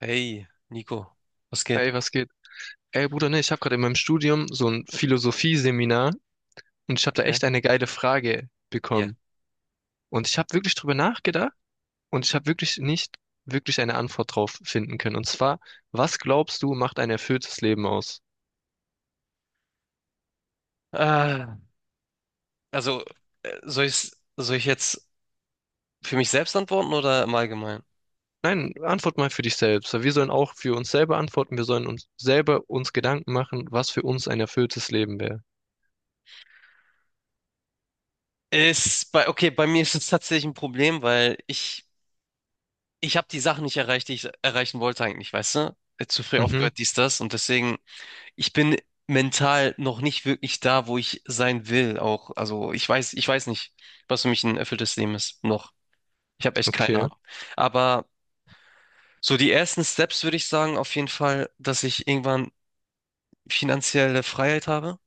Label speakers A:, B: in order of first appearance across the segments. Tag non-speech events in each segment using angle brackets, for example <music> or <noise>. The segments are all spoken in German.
A: Hey, Nico, was geht?
B: Ey, was geht? Ey, Bruder, ne, ich habe gerade in meinem Studium so ein Philosophie-Seminar und ich habe da
A: Okay,
B: echt eine geile Frage
A: ja.
B: bekommen. Und ich habe wirklich drüber nachgedacht und ich habe wirklich nicht wirklich eine Antwort drauf finden können. Und zwar, was glaubst du, macht ein erfülltes Leben aus?
A: Ah, also, äh, soll ich, soll ich jetzt für mich selbst antworten oder im Allgemeinen?
B: Nein, antwort mal für dich selbst. Wir sollen auch für uns selber antworten. Wir sollen uns selber uns Gedanken machen, was für uns ein erfülltes Leben wäre.
A: Ist bei, okay, bei mir ist es tatsächlich ein Problem, weil ich habe die Sachen nicht erreicht, die ich erreichen wollte eigentlich, weißt du? Zu früh
B: Mhm,
A: aufgehört, dies, das. Und deswegen, ich bin mental noch nicht wirklich da, wo ich sein will auch. Also, ich weiß nicht, was für mich ein erfülltes Leben ist. Noch. Ich habe echt keine
B: okay,
A: Ahnung. Aber so, die ersten Steps würde ich sagen, auf jeden Fall, dass ich irgendwann finanzielle Freiheit habe.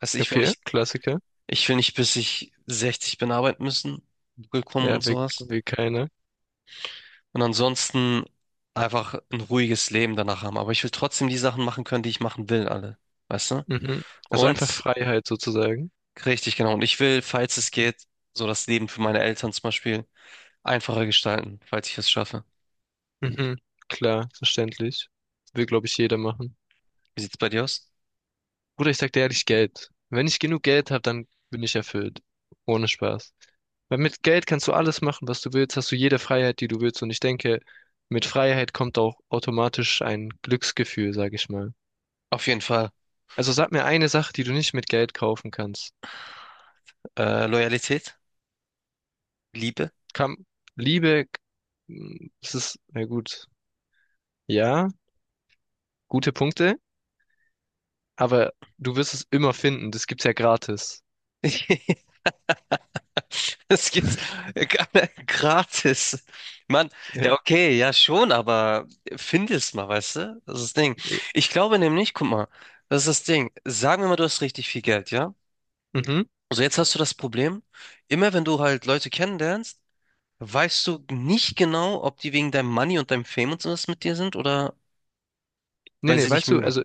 A: Also
B: okay, Klassiker.
A: ich will nicht, bis ich 60 bin arbeiten müssen, gekommen und
B: Ja, will,
A: sowas.
B: will keiner.
A: Und ansonsten einfach ein ruhiges Leben danach haben. Aber ich will trotzdem die Sachen machen können, die ich machen will, alle. Weißt du?
B: Mhm. Also einfach
A: Und
B: Freiheit sozusagen.
A: richtig, genau. Und ich will, falls es geht, so das Leben für meine Eltern zum Beispiel einfacher gestalten, falls ich es schaffe.
B: Mhm. Klar, verständlich. Will, glaube ich, jeder machen.
A: Wie sieht's bei dir aus?
B: Bruder, ich sag dir ehrlich, Geld. Wenn ich genug Geld habe, dann bin ich erfüllt. Ohne Spaß. Weil mit Geld kannst du alles machen, was du willst, hast du jede Freiheit, die du willst. Und ich denke, mit Freiheit kommt auch automatisch ein Glücksgefühl, sag ich mal.
A: Auf jeden Fall,
B: Also sag mir eine Sache, die du nicht mit Geld kaufen kannst.
A: Loyalität, Liebe.
B: Kam, Liebe, es ist, na gut, ja, gute Punkte, aber du wirst es immer finden. Das gibt's ja gratis.
A: <laughs> Das gibt's <laughs> gratis. Mann,
B: Ja.
A: ja, okay, ja schon, aber finde es mal, weißt du? Das ist das Ding.
B: eh,
A: Ich glaube nämlich, guck mal, das ist das Ding. Sagen wir mal, du hast richtig viel Geld, ja?
B: Mhm.
A: Also jetzt hast du das Problem, immer wenn du halt Leute kennenlernst, weißt du nicht genau, ob die wegen deinem Money und deinem Fame und sowas mit dir sind oder
B: Nee,
A: weil
B: nee,
A: sie dich
B: weißt du,
A: mögen.
B: also,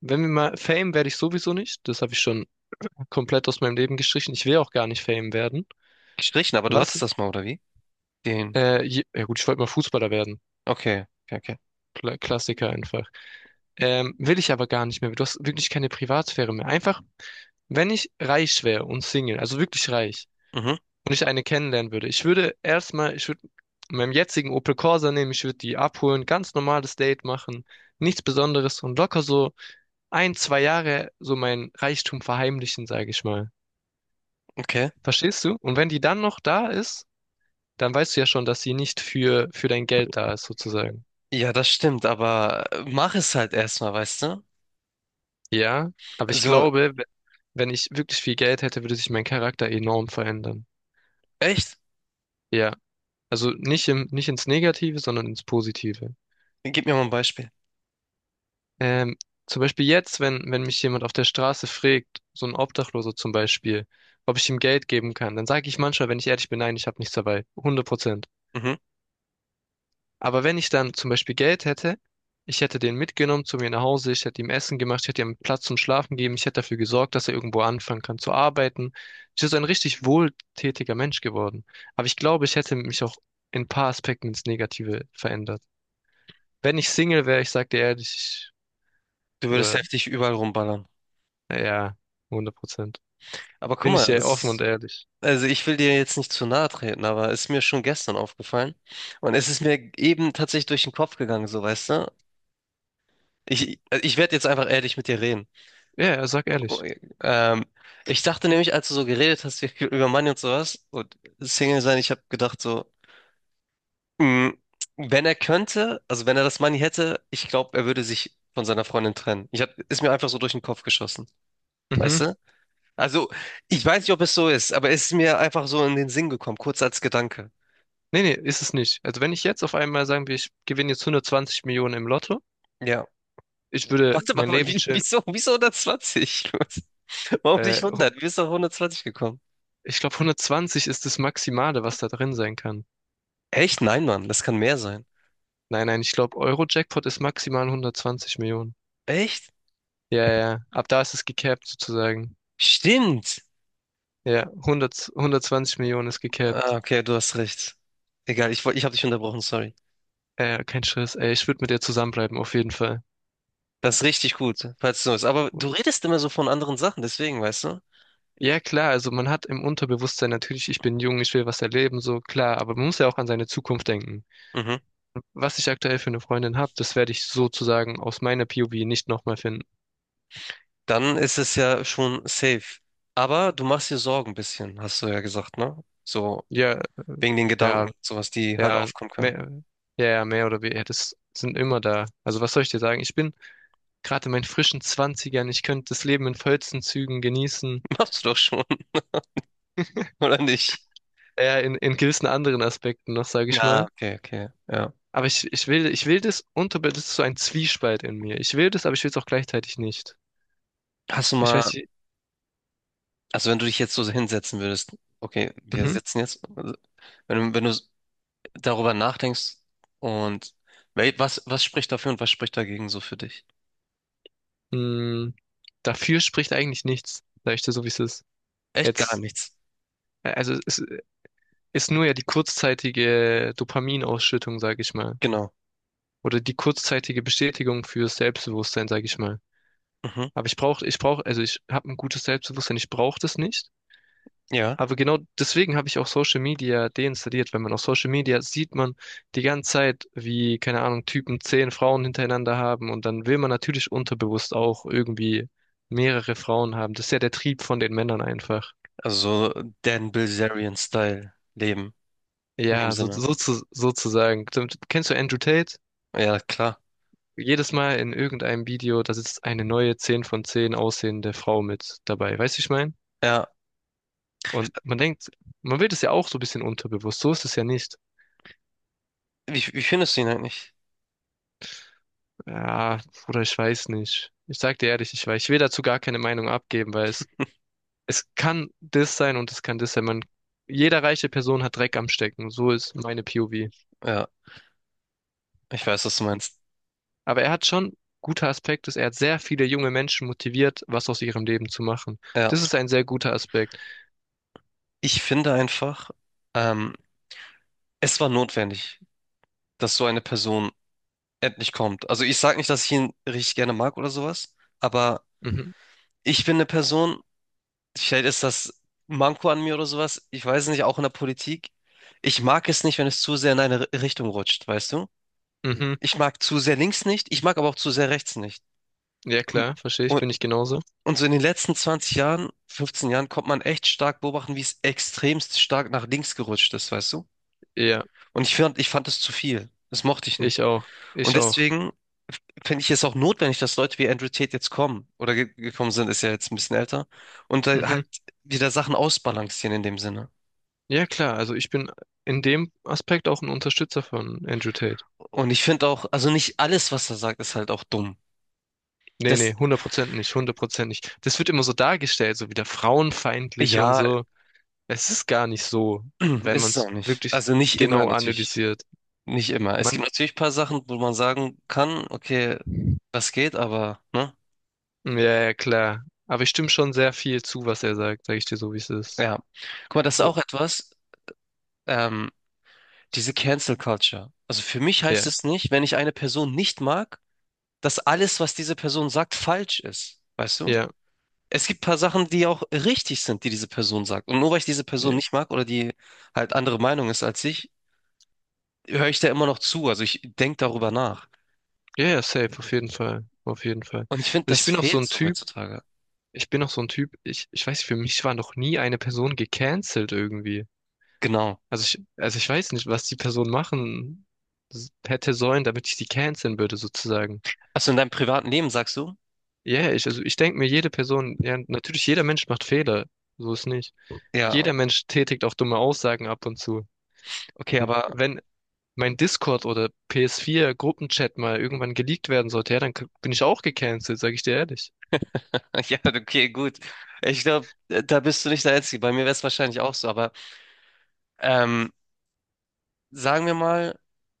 B: wenn wir mal, Fame werde ich sowieso nicht. Das habe ich schon komplett aus meinem Leben gestrichen. Ich will auch gar nicht Fame werden.
A: Gestrichen, aber du
B: Was,
A: hattest das mal, oder wie? Den.
B: ja gut, ich wollte mal Fußballer werden.
A: Okay, okay, okay.
B: Klassiker einfach. Will ich aber gar nicht mehr. Du hast wirklich keine Privatsphäre mehr. Einfach, wenn ich reich wäre und Single, also wirklich reich,
A: Mhm,
B: und ich eine kennenlernen würde, ich würde meinem jetzigen Opel Corsa nehmen, ich würde die abholen, ganz normales Date machen, nichts Besonderes und locker so ein, zwei Jahre so mein Reichtum verheimlichen, sage ich mal.
A: okay.
B: Verstehst du? Und wenn die dann noch da ist, dann weißt du ja schon, dass sie nicht für dein Geld da ist, sozusagen.
A: Ja, das stimmt, aber mach es halt erstmal, weißt du?
B: Ja, aber ich
A: Also
B: glaube, wenn ich wirklich viel Geld hätte, würde sich mein Charakter enorm verändern.
A: echt?
B: Ja, also nicht ins Negative, sondern ins Positive.
A: Gib mir mal ein Beispiel.
B: Ähm, Zum Beispiel jetzt, wenn mich jemand auf der Straße fragt, so ein Obdachloser zum Beispiel, ob ich ihm Geld geben kann, dann sage ich manchmal, wenn ich ehrlich bin, nein, ich habe nichts dabei. Hundert Prozent.
A: Mhm.
B: Aber wenn ich dann zum Beispiel Geld hätte, ich hätte den mitgenommen zu mir nach Hause, ich hätte ihm Essen gemacht, ich hätte ihm Platz zum Schlafen gegeben, ich hätte dafür gesorgt, dass er irgendwo anfangen kann zu arbeiten. Ich wäre so ein richtig wohltätiger Mensch geworden. Aber ich glaube, ich hätte mich auch in ein paar Aspekten ins Negative verändert. Wenn ich Single wäre, ich sag dir ehrlich,
A: Du würdest
B: oder
A: heftig überall rumballern.
B: ja, hundert Prozent.
A: Aber guck
B: Bin
A: mal,
B: ich dir
A: es
B: offen und
A: ist,
B: ehrlich.
A: also ich will dir jetzt nicht zu nahe treten, aber es ist mir schon gestern aufgefallen. Und es ist mir eben tatsächlich durch den Kopf gegangen, so weißt du? Ich werde jetzt einfach ehrlich mit dir reden.
B: Ja, ja, sag
A: Oh,
B: ehrlich.
A: ähm, ich dachte nämlich, als du so geredet hast wie- <laughs> über Money und sowas und Single sein, ich habe gedacht so, mh, wenn er könnte, also wenn er das Money hätte, ich glaube, er würde sich von seiner Freundin trennen. Ich hab, ist mir einfach so durch den Kopf geschossen,
B: Mhm.
A: weißt du? Also, ich weiß nicht, ob es so ist, aber es ist mir einfach so in den Sinn gekommen, kurz als Gedanke.
B: Nee, nee, ist es nicht. Also wenn ich jetzt auf einmal sagen wir, ich gewinne jetzt 120 Millionen im Lotto,
A: Ja.
B: ich
A: <laughs>
B: würde
A: Warte mal,
B: mein Leben
A: wie-
B: chillen.
A: wieso 120? <laughs> Warum nicht
B: Äh,
A: 100? Wie bist du auf 120 gekommen?
B: Ich glaube, 120 ist das Maximale, was da drin sein kann.
A: Echt? Nein, Mann, das kann mehr sein.
B: Nein, nein, ich glaube, Euro-Jackpot ist maximal 120 Millionen.
A: Echt?
B: Ja, ja, ab da ist es gecapped sozusagen.
A: Stimmt.
B: Ja, 100, 120 Millionen ist
A: Ah,
B: gecapped.
A: okay, du hast recht. Egal, ich, woll- ich habe dich unterbrochen, sorry.
B: Kein Stress, ey, ich würde mit dir zusammenbleiben, auf jeden Fall.
A: Das ist richtig gut, falls du es so ist. Aber du redest immer so von anderen Sachen, deswegen, weißt du?
B: Ja, klar, also man hat im Unterbewusstsein natürlich, ich bin jung, ich will was erleben, so klar, aber man muss ja auch an seine Zukunft denken.
A: Mhm.
B: Was ich aktuell für eine Freundin habe, das werde ich sozusagen aus meiner POV nicht nochmal finden.
A: Dann ist es ja schon safe. Aber du machst dir Sorgen ein bisschen, hast du ja gesagt, ne? So
B: Ja, äh,
A: wegen den Gedanken,
B: ja,
A: sowas, die halt
B: ja,
A: aufkommen können.
B: mehr, ja, ja, mehr oder weniger, ja. Das sind immer da. Also was soll ich dir sagen? Ich bin gerade in meinen frischen Zwanzigern. Ich könnte das Leben in vollsten Zügen genießen.
A: <laughs> Machst du doch schon, <laughs>
B: <laughs>
A: oder nicht?
B: Ja, in gewissen anderen Aspekten noch, sage ich
A: Ah,
B: mal.
A: okay, okay, ja.
B: Aber ich, ich will das unter, das ist so ein Zwiespalt in mir. Ich will das, aber ich will es auch gleichzeitig nicht.
A: Hast du
B: Ich
A: mal,
B: weiß nicht,
A: also wenn du dich jetzt so hinsetzen würdest, okay, wir
B: mhm.
A: sitzen jetzt, also, wenn, du- wenn du darüber nachdenkst und wel- was spricht dafür und was spricht dagegen so für dich?
B: Mh, Dafür spricht eigentlich nichts, sag ich dir so, wie es ist.
A: Echt gar
B: Jetzt,
A: nichts.
B: also es ist nur ja die kurzzeitige Dopaminausschüttung, sage ich mal.
A: Genau.
B: Oder die kurzzeitige Bestätigung für Selbstbewusstsein, sage ich mal.
A: Mhm.
B: Aber ich brauche, also ich habe ein gutes Selbstbewusstsein, ich brauche das nicht.
A: Ja,
B: Aber genau deswegen habe ich auch Social Media deinstalliert, weil man auf Social Media sieht man die ganze Zeit, wie, keine Ahnung, Typen zehn Frauen hintereinander haben und dann will man natürlich unterbewusst auch irgendwie mehrere Frauen haben. Das ist ja der Trieb von den Männern einfach.
A: also so Dan Bilzerian-Style leben, in dem
B: Ja,
A: Sinne.
B: sozusagen. Kennst du Andrew Tate?
A: Ja, klar.
B: Jedes Mal in irgendeinem Video, da sitzt eine neue 10 von 10 aussehende Frau mit dabei. Weißt du, wie ich meine?
A: Ja,
B: Und man denkt, man will das ja auch so ein bisschen unterbewusst. So ist es ja nicht.
A: wie findest du ihn eigentlich?
B: Ja, Bruder, ich weiß nicht. Ich sag dir ehrlich, ich weiß. Ich will dazu gar keine Meinung abgeben, weil es kann das sein und es kann das sein. Man, jeder reiche Person hat Dreck am Stecken. So ist meine POV.
A: Ja, ich weiß, was du meinst.
B: Aber er hat schon guter Aspekt ist, er hat sehr viele junge Menschen motiviert, was aus ihrem Leben zu machen.
A: Ja.
B: Das ist ein sehr guter Aspekt.
A: Ich finde einfach, ähm, es war notwendig, dass so eine Person endlich kommt. Also ich sage nicht, dass ich ihn richtig gerne mag oder sowas, aber
B: Mhm,
A: ich bin eine Person, vielleicht ist das Manko an mir oder sowas, ich weiß es nicht, auch in der Politik. Ich mag es nicht, wenn es zu sehr in eine R- Richtung rutscht, weißt du?
B: mhm.
A: Ich mag zu sehr links nicht, ich mag aber auch zu sehr rechts nicht.
B: Ja,
A: Und,
B: klar, verstehe ich,
A: und
B: bin ich genauso.
A: und so in den letzten 20 Jahren, 15 Jahren, konnte man echt stark beobachten, wie es extremst stark nach links gerutscht ist, weißt du?
B: Ja,
A: Und ich fand es zu viel. Das mochte ich nicht.
B: ich auch.
A: Und
B: Ich auch.
A: deswegen f- finde ich es auch notwendig, dass Leute wie Andrew Tate jetzt kommen oder ge gekommen sind, ist ja jetzt ein bisschen älter, und da halt
B: Mhm.
A: wieder Sachen ausbalancieren in dem Sinne.
B: Ja, klar. Also ich bin in dem Aspekt auch ein Unterstützer von Andrew Tate.
A: Und ich finde auch, also nicht alles, was er sagt, ist halt auch dumm.
B: Nee,
A: Das,
B: nee, 100% nicht, 100% nicht. Das wird immer so dargestellt, so wieder frauenfeindlich und
A: ja,
B: so. Es ist gar nicht so,
A: <clears throat>
B: wenn man
A: ist es
B: es
A: auch nicht.
B: wirklich
A: Also nicht immer
B: genau
A: natürlich.
B: analysiert.
A: Nicht immer. Es
B: Man,
A: gibt natürlich ein paar Sachen, wo man sagen kann, okay, das geht, aber, ne?
B: ja, ja, klar. Aber ich stimme schon sehr viel zu, was er sagt, sage ich dir so, wie es ist.
A: Ja. Guck mal, das ist
B: Oh,
A: auch etwas. Ähm, diese Cancel Culture. Also für mich heißt
B: ja,
A: es nicht, wenn ich eine Person nicht mag, dass alles, was diese Person sagt, falsch ist. Weißt du?
B: ja,
A: Es gibt ein paar Sachen, die auch richtig sind, die diese Person sagt. Und nur weil ich diese Person
B: ja.
A: nicht mag oder die halt andere Meinung ist als ich, höre ich da immer noch zu. Also ich denke darüber nach.
B: Ja, ja, safe, auf jeden Fall. Auf jeden Fall.
A: Und ich finde,
B: Also ich
A: das
B: bin auch so
A: fehlt
B: ein
A: so
B: Typ,
A: heutzutage.
B: Ich bin noch so ein Typ, ich weiß nicht, für mich war noch nie eine Person gecancelt irgendwie.
A: Genau.
B: Also ich weiß nicht, was die Person machen hätte sollen, damit ich sie canceln würde, sozusagen.
A: Also in deinem privaten Leben sagst du?
B: Ja, yeah, also ich denke mir, jede Person, ja, natürlich, jeder Mensch macht Fehler. So ist nicht.
A: Ja,
B: Jeder Mensch tätigt auch dumme Aussagen ab und zu.
A: okay,
B: Und
A: aber
B: wenn mein Discord oder PS4 Gruppenchat mal irgendwann geleakt werden sollte, ja, dann bin ich auch gecancelt, sag ich dir ehrlich.
A: <laughs> ja, okay, gut. Ich glaube, da bist du nicht der Einzige. Bei mir wäre es wahrscheinlich auch so, aber ähm, sagen wir mal,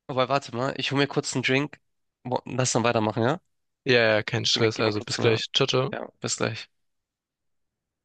A: wobei, warte mal, ich hol mir kurz einen Drink. Wo- Lass dann weitermachen, ja?
B: Ja, ja, kein Stress,
A: Gib mir
B: also
A: kurz
B: bis
A: eine.
B: gleich. Ciao, ciao.
A: Ja, bis gleich.